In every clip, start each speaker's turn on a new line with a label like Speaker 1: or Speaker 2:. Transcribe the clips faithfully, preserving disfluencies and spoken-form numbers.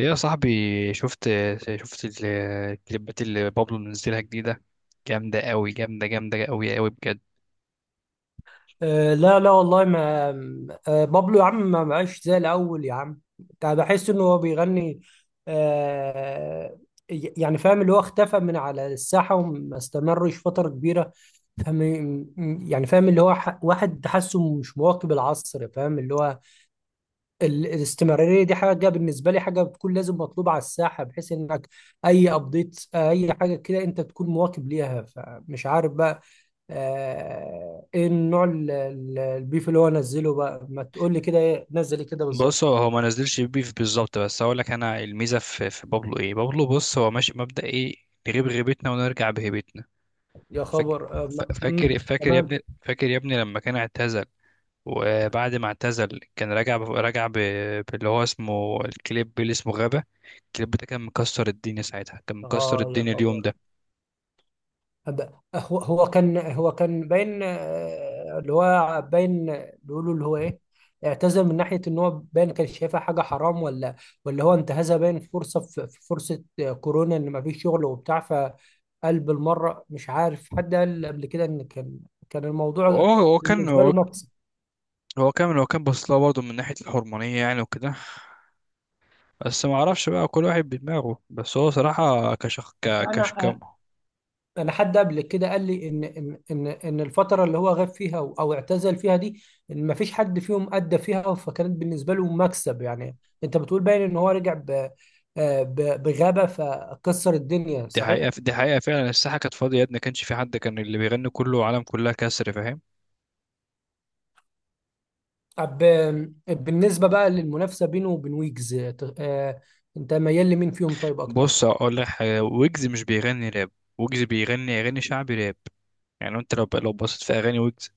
Speaker 1: ايه يا صاحبي؟ شفت شفت ال- الكليبات اللي بابلو منزلها جديدة؟ جامدة قوي، جامدة جامدة قوي قوي بجد.
Speaker 2: أه لا لا والله ما أه بابلو يا عم، ما بقاش زي الأول يا عم. أنا بحس إنه هو بيغني. أه ي- يعني فاهم، اللي هو اختفى من على الساحة وما استمرش فترة كبيرة، فاهم؟ يعني فاهم اللي هو، ح- واحد حاسه مش مواكب العصر، فاهم اللي هو ال- الاستمرارية دي. حاجة بالنسبة لي حاجة بتكون لازم مطلوبة على الساحة، بحيث إنك أي أبديت أي حاجة كده أنت تكون مواكب ليها، فمش عارف بقى. آه، ايه النوع ال- ال- البيف اللي هو نزله بقى؟ ما تقول لي كده، ايه نزل إيه كده
Speaker 1: بص،
Speaker 2: بالظبط؟
Speaker 1: هو هو ما نزلش بيف بالظبط، بس هقول لك انا الميزة في في بابلو ايه. بابلو بص هو ماشي مبدأ ايه: نغيب غيبتنا ونرجع بهيبتنا.
Speaker 2: يا
Speaker 1: فاكر؟
Speaker 2: خبر. آه، ما- مم،
Speaker 1: فاكر فاكر يا ابني،
Speaker 2: تمام.
Speaker 1: فاكر يا ابني لما كان اعتزل، وبعد ما اعتزل كان راجع ب- راجع ب- باللي هو اسمه الكليب اللي اسمه غابة. الكليب ده كان مكسر الدنيا ساعتها، كان مكسر
Speaker 2: اه يا
Speaker 1: الدنيا اليوم
Speaker 2: خبر.
Speaker 1: ده.
Speaker 2: أب- هو هو كان هو كان باين آه، اللي هو باين بيقولوا اللي هو ايه، اعتذر من ناحية ان هو باين كان شايفها حاجة حرام، ولا ولا هو انتهزها باين فرصة، في في فرصة آه، كورونا ان ما فيش شغل وبتاع، فقال بالمرة. مش عارف حد قال قبل كده ان كان كان
Speaker 1: هو
Speaker 2: الموضوع
Speaker 1: هو كان
Speaker 2: بالنسبة له مكسب.
Speaker 1: هو كان هو كان بص لها برضه من ناحية الحرمانية يعني وكده، بس ما اعرفش بقى، كل واحد بدماغه. بس هو صراحة كشخ
Speaker 2: بس
Speaker 1: ك... كشكم.
Speaker 2: انا انا حد قبل كده قال لي ان ان ان ان الفتره اللي هو غاب فيها او أو اعتزل فيها دي، إن ما فيش حد فيهم ادى فيها، فكانت بالنسبه له مكسب يعني. انت بتقول باين ان هو رجع ب آه، ب- بغابه فكسر الدنيا،
Speaker 1: دي
Speaker 2: صحيح؟
Speaker 1: حقيقة، دي حقيقة فعلا الساحة كانت فاضية يا ابني، ما كانش في حد، كان اللي بيغني كله عالم، كلها كسر، فاهم؟
Speaker 2: طب بالنسبه بقى للمنافسه بينه وبين ويجز، ت- آه، انت ميال لمين فيهم طيب اكتر؟
Speaker 1: بص اقول لك حاجة، ويجز مش بيغني راب. ويجز بيغني اغاني شعبي راب. يعني انت لو لو بصيت في اغاني ويجز،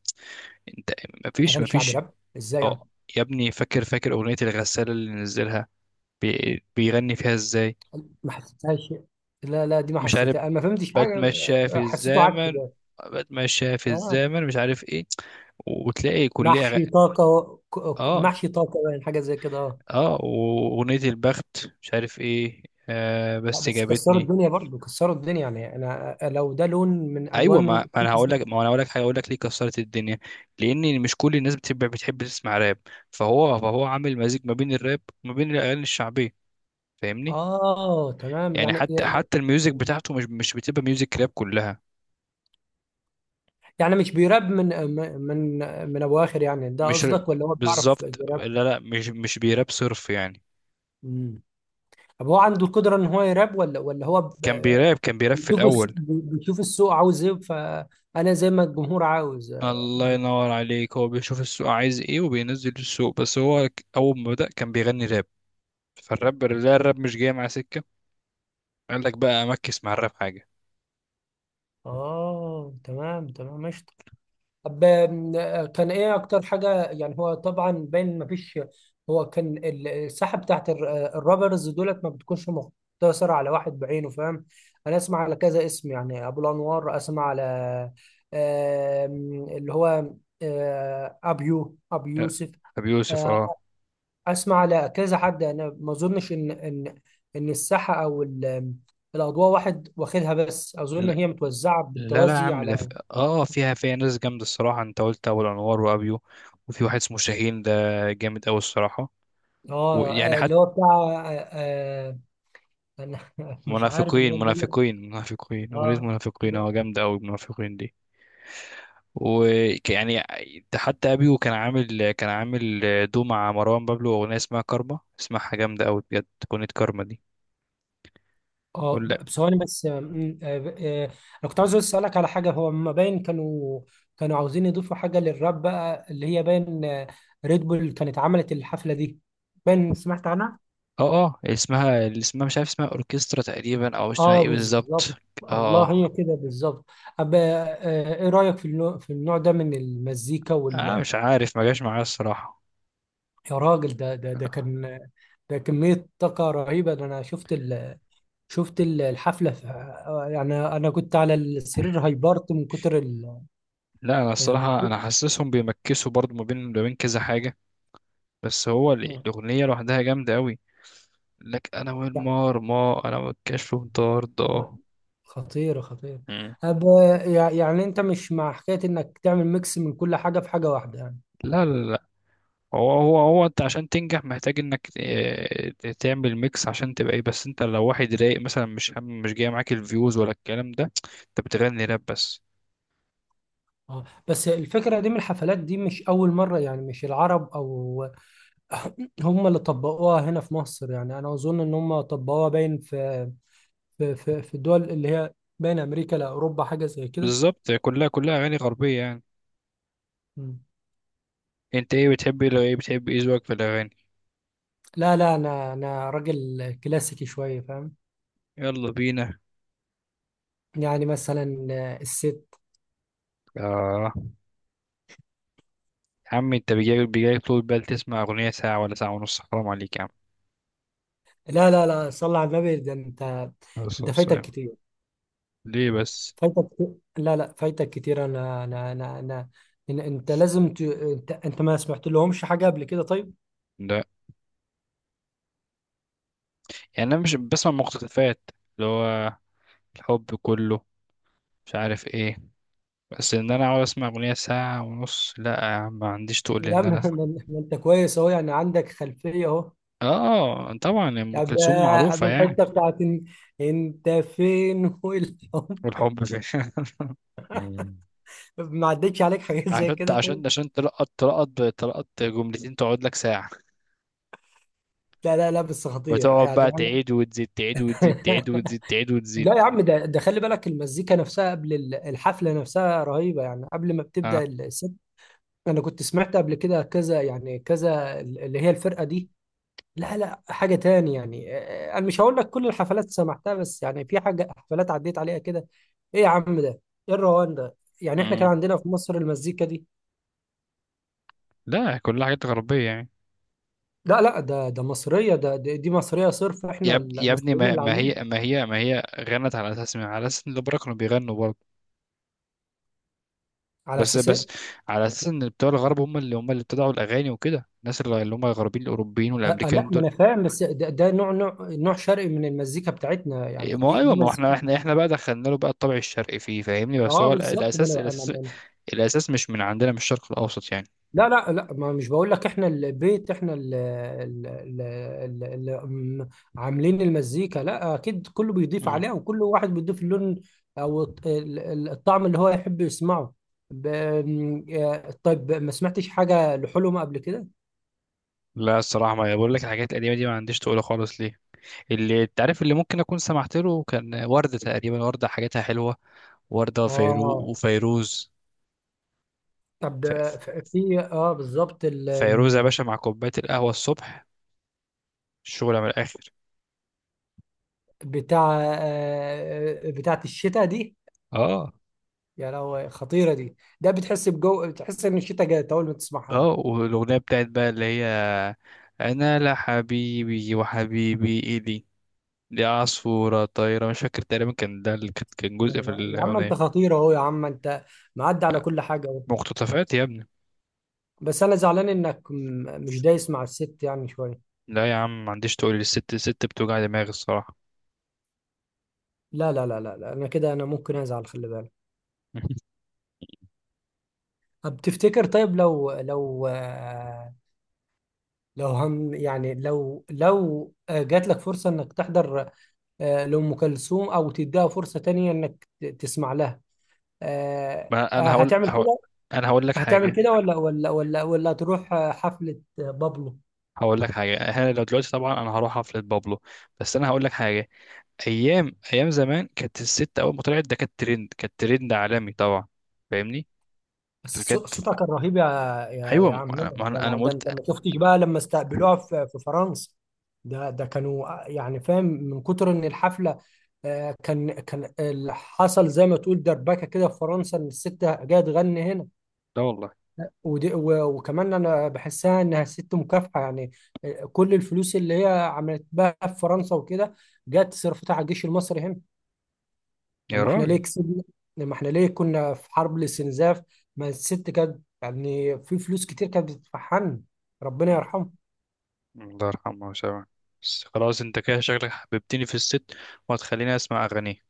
Speaker 1: انت مفيش
Speaker 2: اغاني شعبي
Speaker 1: مفيش
Speaker 2: راب ازاي يعني؟
Speaker 1: اه يا ابني، فاكر فاكر اغنية الغسالة اللي نزلها؟ بي... بيغني فيها ازاي؟
Speaker 2: ما حسيتهاش، لا لا دي ما
Speaker 1: مش عارف،
Speaker 2: حسيتها، انا ما فهمتش حاجه.
Speaker 1: بتمشى في
Speaker 2: آه، حسيته عك
Speaker 1: الزمن،
Speaker 2: ده.
Speaker 1: بتمشى في
Speaker 2: اه.
Speaker 1: الزمن مش عارف ايه، وتلاقي كلها غ-
Speaker 2: محشي طاقة، ك- ك-
Speaker 1: اه.
Speaker 2: محشي طاقة، يعني حاجة زي كده، اه.
Speaker 1: اه واغنية البخت مش عارف ايه، آه
Speaker 2: لا
Speaker 1: بس
Speaker 2: بس كسروا
Speaker 1: جابتني.
Speaker 2: الدنيا برضه، كسروا الدنيا، يعني انا لو ده لون من
Speaker 1: ايوه، ما
Speaker 2: الوان.
Speaker 1: ما انا هقول لك ما انا هقول لك حاجه، هقول لك ليه كسرت الدنيا. لان مش كل الناس بتحب بتحب تسمع راب، فهو فهو عامل مزيج ما بين الراب وما بين الاغاني الشعبيه، فاهمني؟
Speaker 2: اه تمام
Speaker 1: يعني
Speaker 2: يعني.
Speaker 1: حتى حتى الميوزك بتاعته مش مش بتبقى ميوزك راب كلها.
Speaker 2: يعني مش بيراب من من من ابو اخر يعني، ده
Speaker 1: مش ر-
Speaker 2: قصدك؟ ولا هو بيعرف
Speaker 1: بالظبط،
Speaker 2: يراب؟
Speaker 1: لا لا، مش مش بيراب صرف يعني.
Speaker 2: امم طب هو عنده القدرة ان هو يراب، ولا ولا هو
Speaker 1: كان
Speaker 2: ب-
Speaker 1: بيراب، كان بيراب في
Speaker 2: بيشوف الس-
Speaker 1: الاول.
Speaker 2: بيشوف السوق عاوز ايه، فانا زي ما الجمهور عاوز،
Speaker 1: الله
Speaker 2: اه.
Speaker 1: ينور عليك، هو بيشوف السوق عايز ايه وبينزل السوق، بس هو ك- اول ما بدأ كان بيغني راب. فالراب، لا الراب مش جاي مع سكة، قال لك بقى امكس مع الراب حاجة.
Speaker 2: آه، تمام تمام ماشي. طب آم، آه، كان ايه اكتر حاجه يعني؟ هو طبعا باين ما فيش، هو كان ال- الساحه بتاعت الر- الرابرز دولت ما بتكونش مقتصره على واحد بعينه، فاهم؟ انا اسمع على كذا اسم يعني، ابو الانوار، اسمع على آم، اللي هو آه، ابيو، ابو
Speaker 1: لا،
Speaker 2: يوسف.
Speaker 1: ابي يوسف
Speaker 2: آه،
Speaker 1: اه.
Speaker 2: اسمع على كذا حد، انا ما اظنش ان ان ان الساحه او ال- الاضواء واحد واخدها، بس اظن
Speaker 1: لا
Speaker 2: هي متوزعه
Speaker 1: لا، لا يا
Speaker 2: بالتوازي
Speaker 1: عم ده في...
Speaker 2: على
Speaker 1: اه فيها، فيها ناس جامدة الصراحة. انت قلت ابو الانوار وابيو، وفي واحد اسمه شاهين ده، جامد قوي الصراحة.
Speaker 2: اه
Speaker 1: ويعني
Speaker 2: آه،
Speaker 1: حتى،
Speaker 2: اللي هو بتاع. آه، آه، انا مش عارف اللي
Speaker 1: منافقين
Speaker 2: هو بيقول لك.
Speaker 1: منافقين منافقين، اغنية
Speaker 2: اه.
Speaker 1: منافقين،
Speaker 2: ب-
Speaker 1: اه جامدة قوي منافقين دي. ويعني حتى ابيو كان عامل كان عامل دو مع مروان بابلو اغنيه اسمها كارما، اسمها جامده قوي بجد، اغنيه كارما دي.
Speaker 2: اه
Speaker 1: ولا
Speaker 2: ب- بثواني بس. آم، آه، ب- آه، انا كنت عاوز اسالك على حاجه. هو ما باين كانوا كانوا عاوزين يضيفوا حاجه للراب بقى، اللي هي باين آه، ريد بول كانت عملت الحفله دي، باين. سمعت عنها؟
Speaker 1: اه اه، اسمها، اللي اسمها مش عارف اسمها، اوركسترا تقريبا، او اسمها
Speaker 2: اه
Speaker 1: ايه بالظبط.
Speaker 2: بالظبط. الله، هي
Speaker 1: اه
Speaker 2: كده بالظبط. أب... آه، ايه رايك في النوع في النوع ده من المزيكا
Speaker 1: اه، آه،
Speaker 2: وال...؟
Speaker 1: مش عارف ما جاش معايا الصراحه.
Speaker 2: يا راجل، ده ده ده كان، ده كميه طاقه رهيبه ده. انا شفت ال... شفت ال- الحفلة في... آه، يعني، أنا كنت على السرير هايبرت من كتر ال...
Speaker 1: لا انا
Speaker 2: آه،
Speaker 1: الصراحه انا حاسسهم بيمكسوا برضو ما بين ما بين كذا حاجه، بس هو ال- الاغنيه لوحدها جامده قوي. لك انا والمار، ما انا والكشف
Speaker 2: آه،
Speaker 1: طارده.
Speaker 2: خطيرة خطيرة.
Speaker 1: مم.
Speaker 2: أب... يع- يعني أنت مش مع حكاية إنك تعمل ميكس من كل حاجة في حاجة واحدة يعني؟
Speaker 1: لا لا، هو هو هو انت عشان تنجح محتاج انك آه، تعمل ميكس عشان تبقى ايه، بس انت لو واحد رايق مثلا، مش هم مش جاي معاك الفيوز ولا الكلام ده، انت بتغني راب بس.
Speaker 2: اه، بس الفكرة دي من الحفلات دي مش أول مرة يعني، مش العرب أو هم اللي طبقوها هنا في مصر. يعني أنا أظن إن هم طبقوها باين في في في, في الدول اللي هي بين أمريكا لأوروبا، حاجة زي كده.
Speaker 1: بالظبط، كلها كلها اغاني غربية يعني.
Speaker 2: مم.
Speaker 1: انت ايه بتحب ايه، لو ايه بتحب ايه ذوقك في الاغاني؟
Speaker 2: لا لا أنا أنا راجل كلاسيكي شوية، فاهم؟
Speaker 1: يلا بينا.
Speaker 2: يعني مثلا آه، الست.
Speaker 1: اه يا عم، انت بيجي بيجي طول بال تسمع اغنية ساعة ولا ساعة ونص؟ حرام عليك يا عم،
Speaker 2: لا لا لا، صلى على النبي، ده انت.
Speaker 1: بس
Speaker 2: انت
Speaker 1: بس
Speaker 2: فايتك
Speaker 1: يعني.
Speaker 2: كتير.
Speaker 1: ليه بس؟
Speaker 2: فايتك كتير. لا لا، فايتك كتير. انا انا انا انا إن- انت لازم ت... انت انت ما سمعت لهمش حاجه قبل كده، طيب؟
Speaker 1: لا يعني انا مش بسمع مقتطفات، اللي هو الحب كله مش عارف ايه، بس ان انا اقعد اسمع اغنيه ساعه ونص؟ لا يا عم، ما عنديش، تقول لي
Speaker 2: يا
Speaker 1: ان
Speaker 2: عم
Speaker 1: انا.
Speaker 2: ما ان- ما انت كويس اهو يعني، عندك خلفيه اهو.
Speaker 1: اه طبعا، ام
Speaker 2: طب
Speaker 1: كلثوم
Speaker 2: آه، قبل
Speaker 1: معروفه يعني.
Speaker 2: الحته بتاعت إن... انت فين والحب،
Speaker 1: والحب في مم.
Speaker 2: ما عدتش عليك حاجات زي
Speaker 1: عشان
Speaker 2: كده، طيب؟
Speaker 1: عشان عشان تلقط تلقط تلقط جملتين تقعد لك ساعه،
Speaker 2: لا لا لا، بس خطير
Speaker 1: وتقعد
Speaker 2: يعني،
Speaker 1: بقى
Speaker 2: أنا
Speaker 1: تعيد وتزيد، تعيد وتزيد، تعيد وتزيد، تعيد وتزيد.
Speaker 2: لا يا عم، ده ده خلي بالك، المزيكا نفسها قبل ال- الحفلة نفسها رهيبة يعني، قبل ما بتبدأ
Speaker 1: اه.
Speaker 2: الست. أنا كنت سمعت قبل كده كذا، يعني كذا، ال- اللي هي الفرقة دي. لا لا، حاجة تاني يعني. آه، أنا مش هقول لك كل الحفلات سمعتها، بس يعني في حاجة حفلات عديت عليها كده. إيه يا عم ده، إيه الروان ده يعني؟ إحنا كان
Speaker 1: امم.
Speaker 2: عندنا في مصر المزيكا دي؟
Speaker 1: لا، كلها حاجات غربيه يعني.
Speaker 2: لا لا، ده ده مصرية، ده ده- دي مصرية صرف،
Speaker 1: يا
Speaker 2: إحنا
Speaker 1: اب- يا ابني
Speaker 2: المصريين
Speaker 1: ما
Speaker 2: اللي
Speaker 1: ما هي
Speaker 2: عاملين.
Speaker 1: ما هي ما هي غنت على اساس، على اساس ان الأوبرا كانوا بيغنوا.
Speaker 2: على
Speaker 1: بس
Speaker 2: أساس
Speaker 1: بس
Speaker 2: إيه؟
Speaker 1: على اساس ان بتوع الغرب هم اللي، هم اللي ابتدعوا الاغاني وكده، الناس اللي، اللي هم الغربيين الاوروبيين
Speaker 2: آه، آه، لا،
Speaker 1: والامريكان
Speaker 2: ما
Speaker 1: دول.
Speaker 2: انا فاهم، بس ده, ده, نوع نوع نوع شرقي من المزيكا بتاعتنا
Speaker 1: إيه،
Speaker 2: يعني،
Speaker 1: ما هو
Speaker 2: دي
Speaker 1: ايوه،
Speaker 2: دي
Speaker 1: ما هو احنا
Speaker 2: مزيكا.
Speaker 1: احنا احنا بقى دخلنا له بقى الطبع الشرقي فيه، فاهمني؟ بس
Speaker 2: اه
Speaker 1: هو ال-
Speaker 2: بالظبط، ما
Speaker 1: الاساس،
Speaker 2: انا انا
Speaker 1: الاساس،
Speaker 2: أنا-
Speaker 1: الاساس مش من عندنا من الشرق الاوسط يعني.
Speaker 2: لا لا لا، ما مش بقول لك احنا البيت احنا اللي عاملين المزيكا، لا اكيد كله بيضيف
Speaker 1: مم.
Speaker 2: عليها، وكل واحد بيضيف اللون او الط- ال- ال- الطعم اللي هو يحب يسمعه. ب- م- آه، طيب، ما سمعتش حاجة لحلم قبل كده؟
Speaker 1: لا الصراحه، ما بقول لك الحاجات القديمه دي ما عنديش، تقولها خالص ليه. اللي انت عارف اللي ممكن اكون سمعت له كان ورده تقريبا، ورده حاجاتها حلوه. ورده، فيرو
Speaker 2: اه.
Speaker 1: وفيروز.
Speaker 2: طب
Speaker 1: ف... ف-
Speaker 2: ف- في، اه بالظبط ال...
Speaker 1: فيروز يا
Speaker 2: م-
Speaker 1: باشا، مع كوبايه القهوه الصبح، الشغل من الاخر.
Speaker 2: بتاع آه، بتاعت الشتاء دي.
Speaker 1: اه.
Speaker 2: يا لهوي، خطيرة دي. ده بتحس بجو، بتحس ان الشتاء جاي اول ما تسمعها
Speaker 1: اه،
Speaker 2: دي.
Speaker 1: والأغنية بتاعت بقى اللي هي: أنا لا حبيبي، وحبيبي إيدي دي عصفورة طايرة، مش فاكر تقريبا، كان ده اللي كان، كان
Speaker 2: لا
Speaker 1: جزء في
Speaker 2: لا يا عم، انت
Speaker 1: الأغنية.
Speaker 2: خطير اهو. يا عم، انت معدي على كل حاجه اهو.
Speaker 1: مقتطفات يا ابني.
Speaker 2: بس انا زعلان انك م- مش دايس مع الست يعني شويه.
Speaker 1: لا يا عم، ما عنديش، تقول لي الست، الست بتوجع دماغي الصراحة.
Speaker 2: لا لا لا لا، لا. انا كده، انا ممكن ازعل، خلي بالك. طب تفتكر، طيب، لو لو آه، لو هم يعني، لو لو آه، جات لك فرصه انك تحضر آه، لأم كلثوم، او تديها فرصه تانية انك ت- تسمع لها آه،
Speaker 1: ما أنا
Speaker 2: آه،
Speaker 1: هقول,
Speaker 2: هتعمل
Speaker 1: هقول،
Speaker 2: كده؟
Speaker 1: أنا هقول لك
Speaker 2: هتعمل
Speaker 1: حاجة.
Speaker 2: كده، ولا ولا ولا ولا تروح آه، حفله آه، بابلو؟
Speaker 1: هقول لك حاجة، أنا لو دلوقتي طبعا أنا هروح حفلة بابلو، بس أنا هقول لك حاجة: أيام أيام زمان كانت الست أول ما طلعت ده كانت ترند، كانت ترند عالمي طبعا، فاهمني؟
Speaker 2: بس صو-
Speaker 1: فكانت.
Speaker 2: صوتها كان رهيب يا يا
Speaker 1: أيوة،
Speaker 2: يا
Speaker 1: ما
Speaker 2: عمنا.
Speaker 1: أنا ما
Speaker 2: ده
Speaker 1: أنا- أنا
Speaker 2: انا
Speaker 1: ما
Speaker 2: ده
Speaker 1: قلت.
Speaker 2: انت ما شفتش بقى لما استقبلوها في في فرنسا. ده ده كانوا آه، يعني، فاهم من كتر ان الحفله، آه، كان كان ال- حصل زي ما تقول دربكه كده في فرنسا، ان الست جايه تغني هنا.
Speaker 1: لا والله.
Speaker 2: ودي و- وكمان انا بحسها انها ست مكافحه يعني. آه، كل الفلوس اللي هي عملت بها في فرنسا وكده، جت صرفتها على الجيش المصري هنا،
Speaker 1: يا
Speaker 2: لما احنا ليه
Speaker 1: راجل.
Speaker 2: كسبنا، لما احنا ليه كنا في حرب الاستنزاف. ما الست كانت يعني في فلوس كتير، كانت بتتفحن، ربنا
Speaker 1: مم.
Speaker 2: يرحمه.
Speaker 1: الله يرحمه ويسامحه. بس خلاص، انت كده شكلك حببتني في الست، وهتخليني اسمع اغانيه.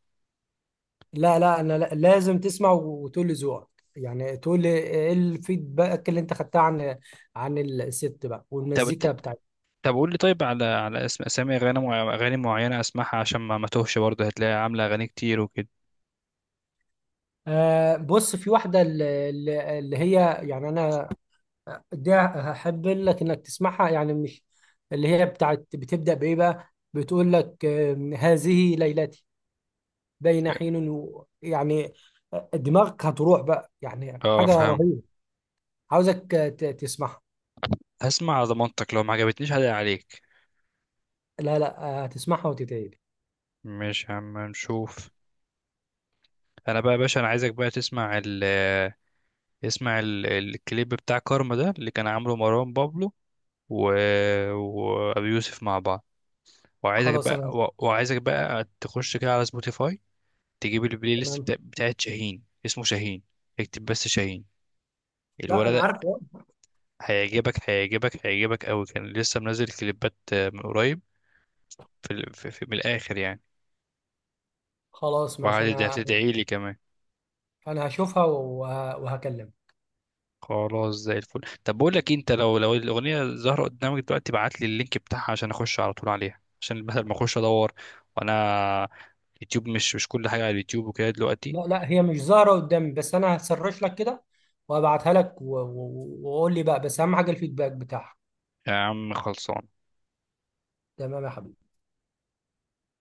Speaker 2: لا لا، انا لا- لازم تسمع وتقول لي ذوقك يعني، تقول لي ايه الفيدباك اللي انت خدتها عن عن الست بقى
Speaker 1: طب،
Speaker 2: والمزيكا بتاعتها.
Speaker 1: طب قول لي، طيب على على اسم، اسامي اغاني مع... اغاني معينه اسمعها عشان ما ما توهش، برضه هتلاقي عامله اغاني كتير وكده.
Speaker 2: آه بص، في واحدة اللي, اللي هي يعني، انا دي هحب لك انك تسمعها يعني، مش اللي هي بتاعت. بتبدأ بايه بقى، بتقول لك آه، هذه ليلتي بين حين و- يعني، دماغك هتروح بقى، يعني
Speaker 1: اه
Speaker 2: حاجة
Speaker 1: فاهم.
Speaker 2: رهيبة. عاوزك ت- تسمعها.
Speaker 1: هسمع على ضمانتك، لو ما عجبتنيش هدق عليك.
Speaker 2: لا لا، هتسمعها وتتعيد.
Speaker 1: مش عم نشوف. انا بقى يا باشا انا عايزك بقى تسمع ال اسمع ال... الكليب بتاع كارما ده اللي كان عامله مروان بابلو و... وابي يوسف مع بعض. وعايزك
Speaker 2: خلاص
Speaker 1: بقى،
Speaker 2: انا.
Speaker 1: و- وعايزك بقى تخش كده على سبوتيفاي، تجيب البلاي ليست
Speaker 2: تمام.
Speaker 1: بتا- بتاعت شاهين، اسمه شاهين. اكتب بس شاهين،
Speaker 2: لا
Speaker 1: الولد
Speaker 2: انا عارف.
Speaker 1: ده هيعجبك، هيعجبك، هيعجبك قوي، كان لسه منزل كليبات آه، من قريب. في, ال- في, في من الاخر يعني.
Speaker 2: خلاص ماشي انا.
Speaker 1: وهتدعي لي كمان.
Speaker 2: انا هشوفها وه- وهكلمك.
Speaker 1: خلاص زي الفل. طب بقول لك إيه، انت لو لو الاغنيه ظاهره قدامك دلوقتي ابعت لي اللينك بتاعها، عشان اخش على طول عليها، عشان بدل ما اخش ادور، وانا يوتيوب، مش مش كل حاجه على اليوتيوب وكده دلوقتي.
Speaker 2: لا لا هي مش ظاهرة قدامي، بس انا هسرش لك كده وابعتها لك، و- و- و- وقول لي بقى، بس اهم حاجة الفيدباك بتاعها.
Speaker 1: يا عم خلصان.
Speaker 2: تمام يا حبيبي.